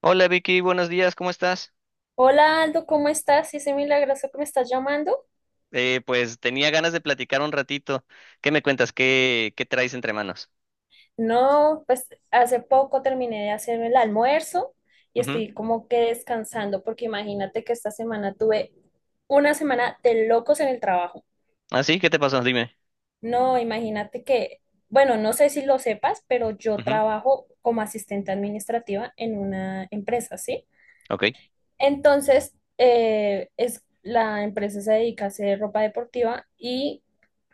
Hola Vicky, buenos días, ¿cómo estás? Hola Aldo, ¿cómo estás? Ese milagroso que me estás llamando. Pues tenía ganas de platicar un ratito. ¿Qué me cuentas? ¿Qué traes entre manos? No, pues hace poco terminé de hacerme el almuerzo y Ujú. estoy como que descansando porque imagínate que esta semana tuve una semana de locos en el trabajo. ¿Ah, sí? ¿Qué te pasó? Dime. No, imagínate que, bueno, no sé si lo sepas, pero yo Ujú. trabajo como asistente administrativa en una empresa, ¿sí? Ok. Entonces, es, la empresa se dedica a hacer ropa deportiva y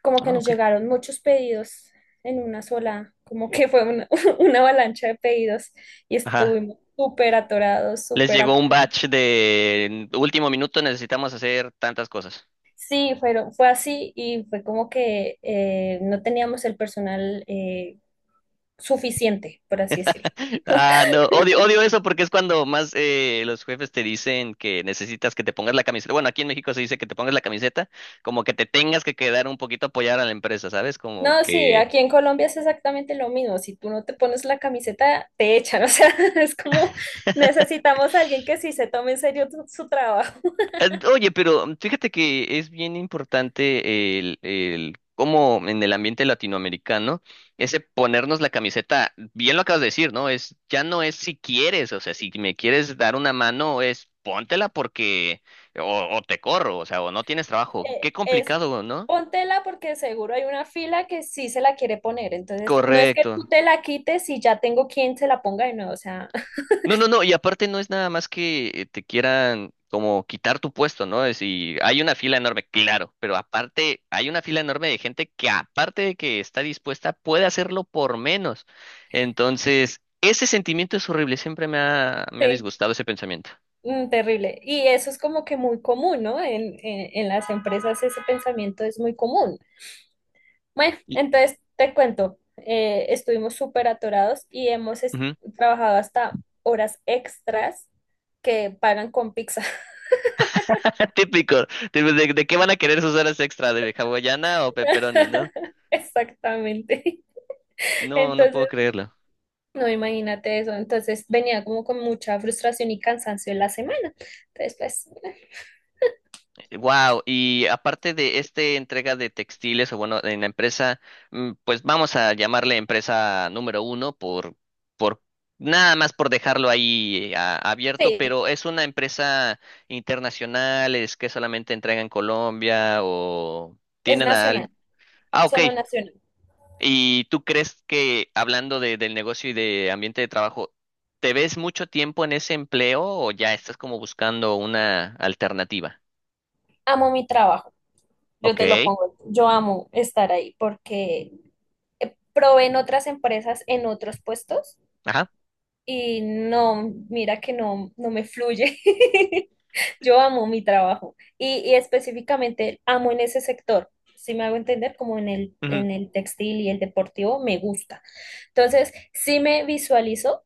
como que Ah, nos ok. llegaron muchos pedidos en una sola, como que fue una, una avalancha de pedidos y Ajá. estuvimos súper atorados, Les llegó un batch de "En último minuto, necesitamos hacer tantas cosas." Sí, fue así y fue como que no teníamos el personal suficiente, por así decirlo. Ah, no, odio, odio eso porque es cuando más los jefes te dicen que necesitas que te pongas la camiseta. Bueno, aquí en México se dice que te pongas la camiseta, como que te tengas que quedar un poquito a apoyar a la empresa, ¿sabes? Como No, sí, que. aquí en Colombia es exactamente lo mismo. Si tú no te pones la camiseta, te echan. O sea, es como necesitamos a alguien que sí se tome en serio su trabajo. Ah, oye, pero fíjate que es bien importante el cómo en el ambiente latinoamericano, ese ponernos la camiseta, bien lo acabas de decir, ¿no? Es, ya no es si quieres, o sea, si me quieres dar una mano, es póntela porque, o te corro, o sea, o no tienes trabajo. Eh, Qué es complicado, ¿no? póntela porque seguro hay una fila que sí se la quiere poner. Entonces, no es que tú Correcto. te la quites y ya tengo quien se la ponga de nuevo. O sea, No, no, no, y aparte no es nada más que te quieran como quitar tu puesto, ¿no? Es y hay una fila enorme, claro, pero aparte hay una fila enorme de gente que aparte de que está dispuesta, puede hacerlo por menos. Entonces, ese sentimiento es horrible, siempre me ha, me ha sí, disgustado ese pensamiento. mm, terrible. Y eso es como que muy común, ¿no? En las empresas ese pensamiento es muy común. Bueno, Y- entonces te cuento, estuvimos súper atorados y ujú. trabajado hasta horas extras que pagan con pizza. Típico, tipo, ¿de qué van a querer sus horas extra? ¿De hawaiana o pepperoni, no? Exactamente. No, no puedo Entonces, creerlo. no imagínate eso. Entonces venía como con mucha frustración y cansancio en la semana. Entonces, pues, Wow, y aparte de esta entrega de textiles, o bueno, en la empresa, pues vamos a llamarle empresa número uno por nada más por dejarlo ahí abierto, sí, pero es una empresa internacional, ¿es que solamente entrega en Colombia o es tienen nacional, Ah, ok. solo nacional. ¿Y tú crees que, hablando del negocio y de ambiente de trabajo, te ves mucho tiempo en ese empleo o ya estás como buscando una alternativa? Amo mi trabajo, yo te lo Ok. pongo, yo amo estar ahí porque probé en otras empresas, en otros puestos. Ajá. Y no, mira que no, no me fluye. Yo amo mi trabajo y específicamente amo en ese sector. Si me hago entender, como en en el textil y el deportivo, me gusta. Entonces, sí me visualizo,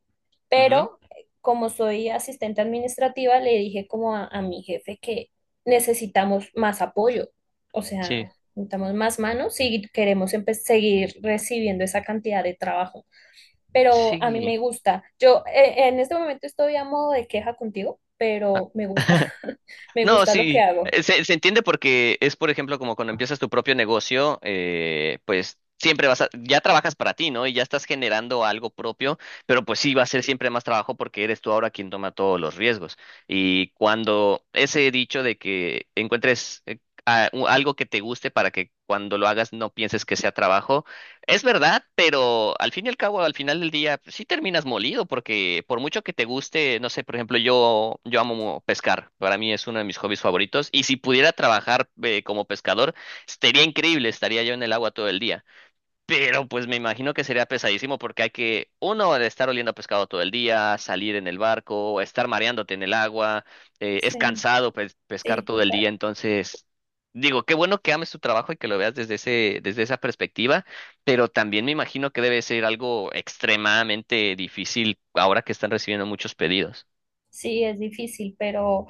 Ujú, pero como soy asistente administrativa, le dije como a mi jefe que necesitamos más apoyo. O sea, sí, necesitamos más manos si queremos seguir recibiendo esa cantidad de trabajo pero a mí sí. me gusta. Yo en este momento estoy a modo de queja contigo, Ah. pero me gusta, me No, gusta lo que sí, hago. Se entiende porque es, por ejemplo, como cuando empiezas tu propio negocio, pues siempre ya trabajas para ti, ¿no? Y ya estás generando algo propio, pero pues sí va a ser siempre más trabajo porque eres tú ahora quien toma todos los riesgos. Y cuando ese dicho de que encuentres algo que te guste para que cuando lo hagas no pienses que sea trabajo. Es verdad, pero al fin y al cabo, al final del día, pues, sí terminas molido, porque por mucho que te guste, no sé, por ejemplo, yo amo pescar, para mí es uno de mis hobbies favoritos, y si pudiera trabajar como pescador, estaría increíble, estaría yo en el agua todo el día. Pero pues me imagino que sería pesadísimo porque hay que, uno, de estar oliendo a pescado todo el día, salir en el barco, estar mareándote en el agua, es Sí, cansado pues, pescar sí, todo el día. total. Entonces digo, qué bueno que ames tu trabajo y que lo veas desde esa perspectiva, pero también me imagino que debe ser algo extremadamente difícil ahora que están recibiendo muchos pedidos. Sí, es difícil, pero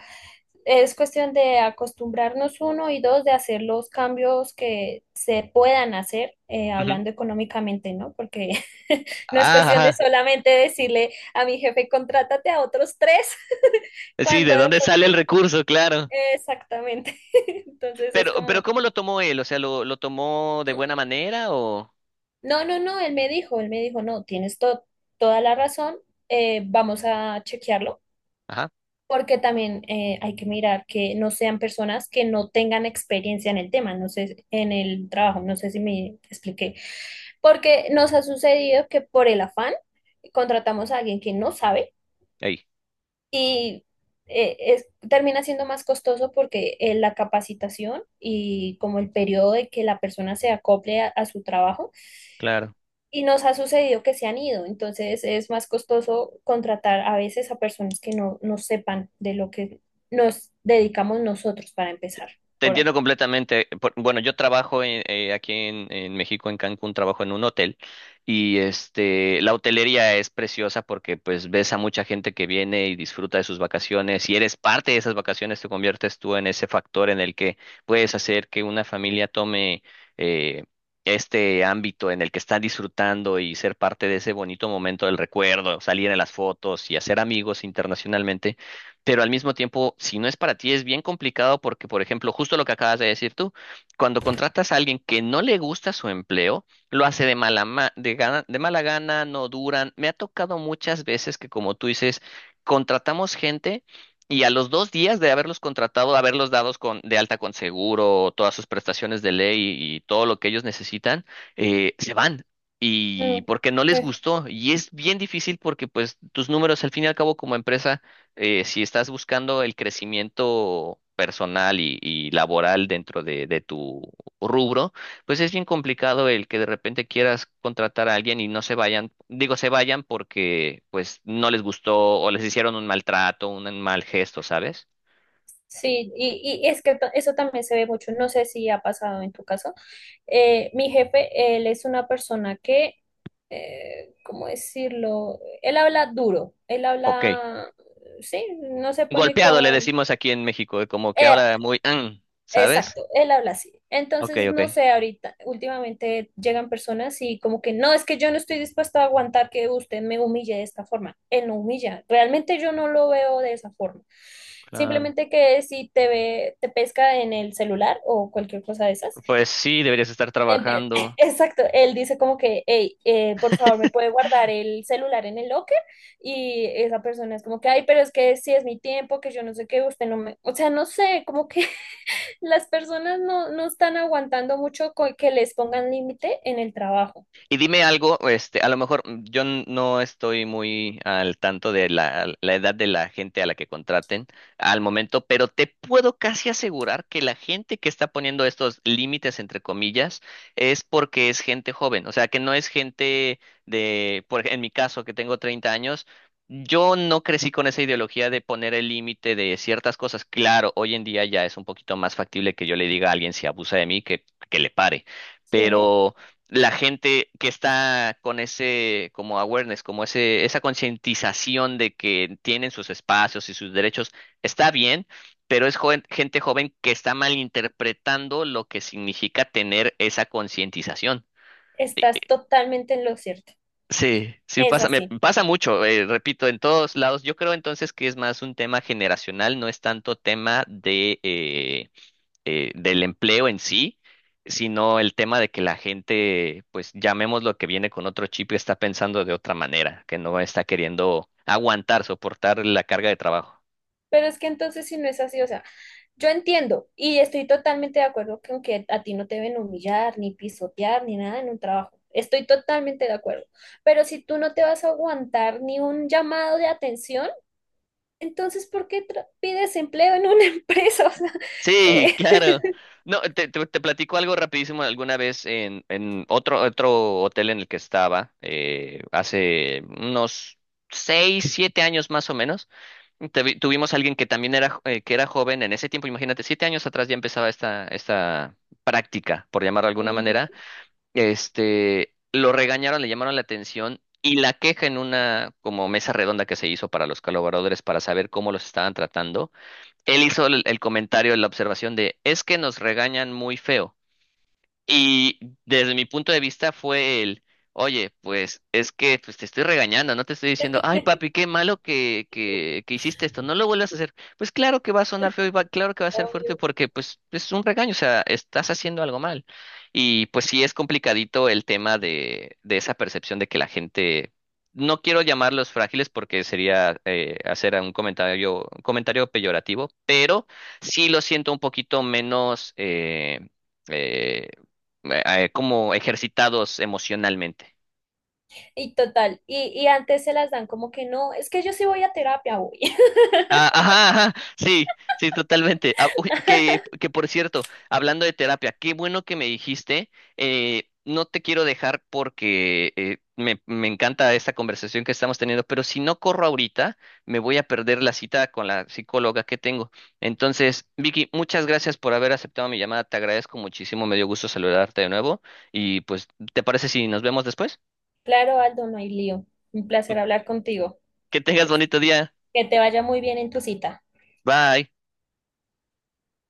es cuestión de acostumbrarnos uno y dos, de hacer los cambios que se puedan hacer, Ujú. hablando económicamente, ¿no? Porque no es Ah, cuestión de ajá. solamente decirle a mi jefe, contrátate a otros tres, Sí, cuando ¿de de dónde sale pronto, el recurso? Claro. exactamente. Entonces es Pero como... ¿cómo lo tomó él? O sea, ¿lo tomó de buena manera o? No, él me dijo, no, toda la razón, vamos a chequearlo, Ajá. porque también hay que mirar que no sean personas que no tengan experiencia en el tema, no sé, en el trabajo, no sé si me expliqué, porque nos ha sucedido que por el afán contratamos a alguien que no sabe Ahí. y termina siendo más costoso porque la capacitación y como el periodo de que la persona se acople a su trabajo. Claro, Y nos ha sucedido que se han ido, entonces es más costoso contratar a veces a personas que no sepan de lo que nos dedicamos nosotros para empezar te por ahí. entiendo completamente. Bueno, yo trabajo aquí en México, en Cancún, trabajo en un hotel y la hotelería es preciosa porque pues ves a mucha gente que viene y disfruta de sus vacaciones y eres parte de esas vacaciones, te conviertes tú en ese factor en el que puedes hacer que una familia tome eh, este ámbito en el que están disfrutando y ser parte de ese bonito momento del recuerdo, salir en las fotos y hacer amigos internacionalmente. Pero al mismo tiempo, si no es para ti, es bien complicado porque, por ejemplo, justo lo que acabas de decir tú, cuando contratas a alguien que no le gusta su empleo, lo hace de mala gana, no duran. Me ha tocado muchas veces que, como tú dices, contratamos gente. Y a los 2 días de haberlos contratado, de haberlos dados de alta con seguro, todas sus prestaciones de ley y todo lo que ellos necesitan, se van. Y Mm, porque no les eh, gustó. Y es bien difícil porque pues tus números al fin y al cabo, como empresa, si estás buscando el crecimiento personal y laboral dentro de tu rubro, pues es bien complicado el que de repente quieras contratar a alguien y no se vayan, digo, se vayan porque pues no les gustó o les hicieron un maltrato, un mal gesto, ¿sabes? sí, y es que eso también se ve mucho, no sé si ha pasado en tu caso. Mi jefe, él es una persona que, ¿cómo decirlo? Él habla duro, él Ok, habla, sí, no se pone golpeado le con... decimos aquí en México, como que eh, habla muy, "mm", ¿sabes? Exacto, él habla así. Ok, Entonces, ok. no sé, ahorita, últimamente llegan personas y como que no, es que yo no estoy dispuesta a aguantar que usted me humille de esta forma. Él no humilla, realmente yo no lo veo de esa forma. Claro. Simplemente que si te ve, te pesca en el celular o cualquier cosa de esas. Pues sí, deberías estar en vez- trabajando. Exacto, él dice como que, hey, por favor, me puede guardar el celular en el locker. Y esa persona es como que, ay, pero es que si es mi tiempo, que yo no sé qué, usted no me, o sea, no sé, como que las personas no están aguantando mucho que les pongan límite en el trabajo, Y dime algo, a lo mejor yo no estoy muy al tanto de la edad de la gente a la que contraten al momento, pero te puedo casi asegurar que la gente que está poniendo estos límites, entre comillas, es porque es gente joven, o sea, que no es gente en mi caso, que tengo 30 años. Yo no crecí con esa ideología de poner el límite de ciertas cosas. Claro, hoy en día ya es un poquito más factible que yo le diga a alguien, si abusa de mí, que, le pare. ¿sí? Pero la gente que está con ese como awareness, como esa concientización de que tienen sus espacios y sus derechos, está bien, pero es gente joven que está malinterpretando lo que significa tener esa concientización. Eh, eh, Estás totalmente en lo cierto, Sí, sí es pasa, me así. pasa mucho, repito, en todos lados. Yo creo entonces que es más un tema generacional, no es tanto tema de del empleo en sí, sino el tema de que la gente, pues llamemos, lo que viene con otro chip, está pensando de otra manera, que no está queriendo aguantar, soportar la carga de trabajo. Pero es que entonces si no es así, o sea, yo entiendo y estoy totalmente de acuerdo con que a ti no te deben humillar, ni pisotear, ni nada en un trabajo. Estoy totalmente de acuerdo. Pero si tú no te vas a aguantar ni un llamado de atención, entonces ¿por qué pides empleo en una empresa? O sea, Sí, eh, claro. No, te platico algo rapidísimo. Alguna vez en otro hotel en el que estaba, hace unos 6, 7 años más o menos, tuvimos a alguien que también era, que era joven en ese tiempo. Imagínate, 7 años atrás ya empezaba esta práctica, por llamarlo de alguna manera. ujú, Lo regañaron, le llamaron la atención, y la queja, en una como mesa redonda que se hizo para los colaboradores para saber cómo los estaban tratando, él hizo el comentario, la observación de, es que nos regañan muy feo. Y desde mi punto de vista fue el, oye, pues es que, pues, te estoy regañando, no te estoy diciendo, ay papi, qué malo que, que hiciste esto, no lo vuelvas a hacer. Pues claro que va a sonar feo y claro que va a ser fuerte obvio. porque pues es un regaño, o sea, estás haciendo algo mal. Y pues sí es complicadito el tema de esa percepción de que la gente, no quiero llamarlos frágiles porque sería hacer un comentario peyorativo, pero sí lo siento un poquito menos eh, como ejercitados emocionalmente. Y total, y antes se las dan como que no, es que yo sí voy a terapia voy Ah, ajá, ajá, sí, sí, totalmente. Ah, uy, que por cierto, hablando de terapia, qué bueno que me dijiste, no te quiero dejar porque me encanta esta conversación que estamos teniendo, pero si no corro ahorita, me voy a perder la cita con la psicóloga que tengo. Entonces, Vicky, muchas gracias por haber aceptado mi llamada, te agradezco muchísimo, me dio gusto saludarte de nuevo y pues, ¿te parece si nos vemos después? Claro, Aldo, no hay lío. Un placer hablar contigo. Que tengas Que bonito día. que te vaya muy bien en tu cita. Bye.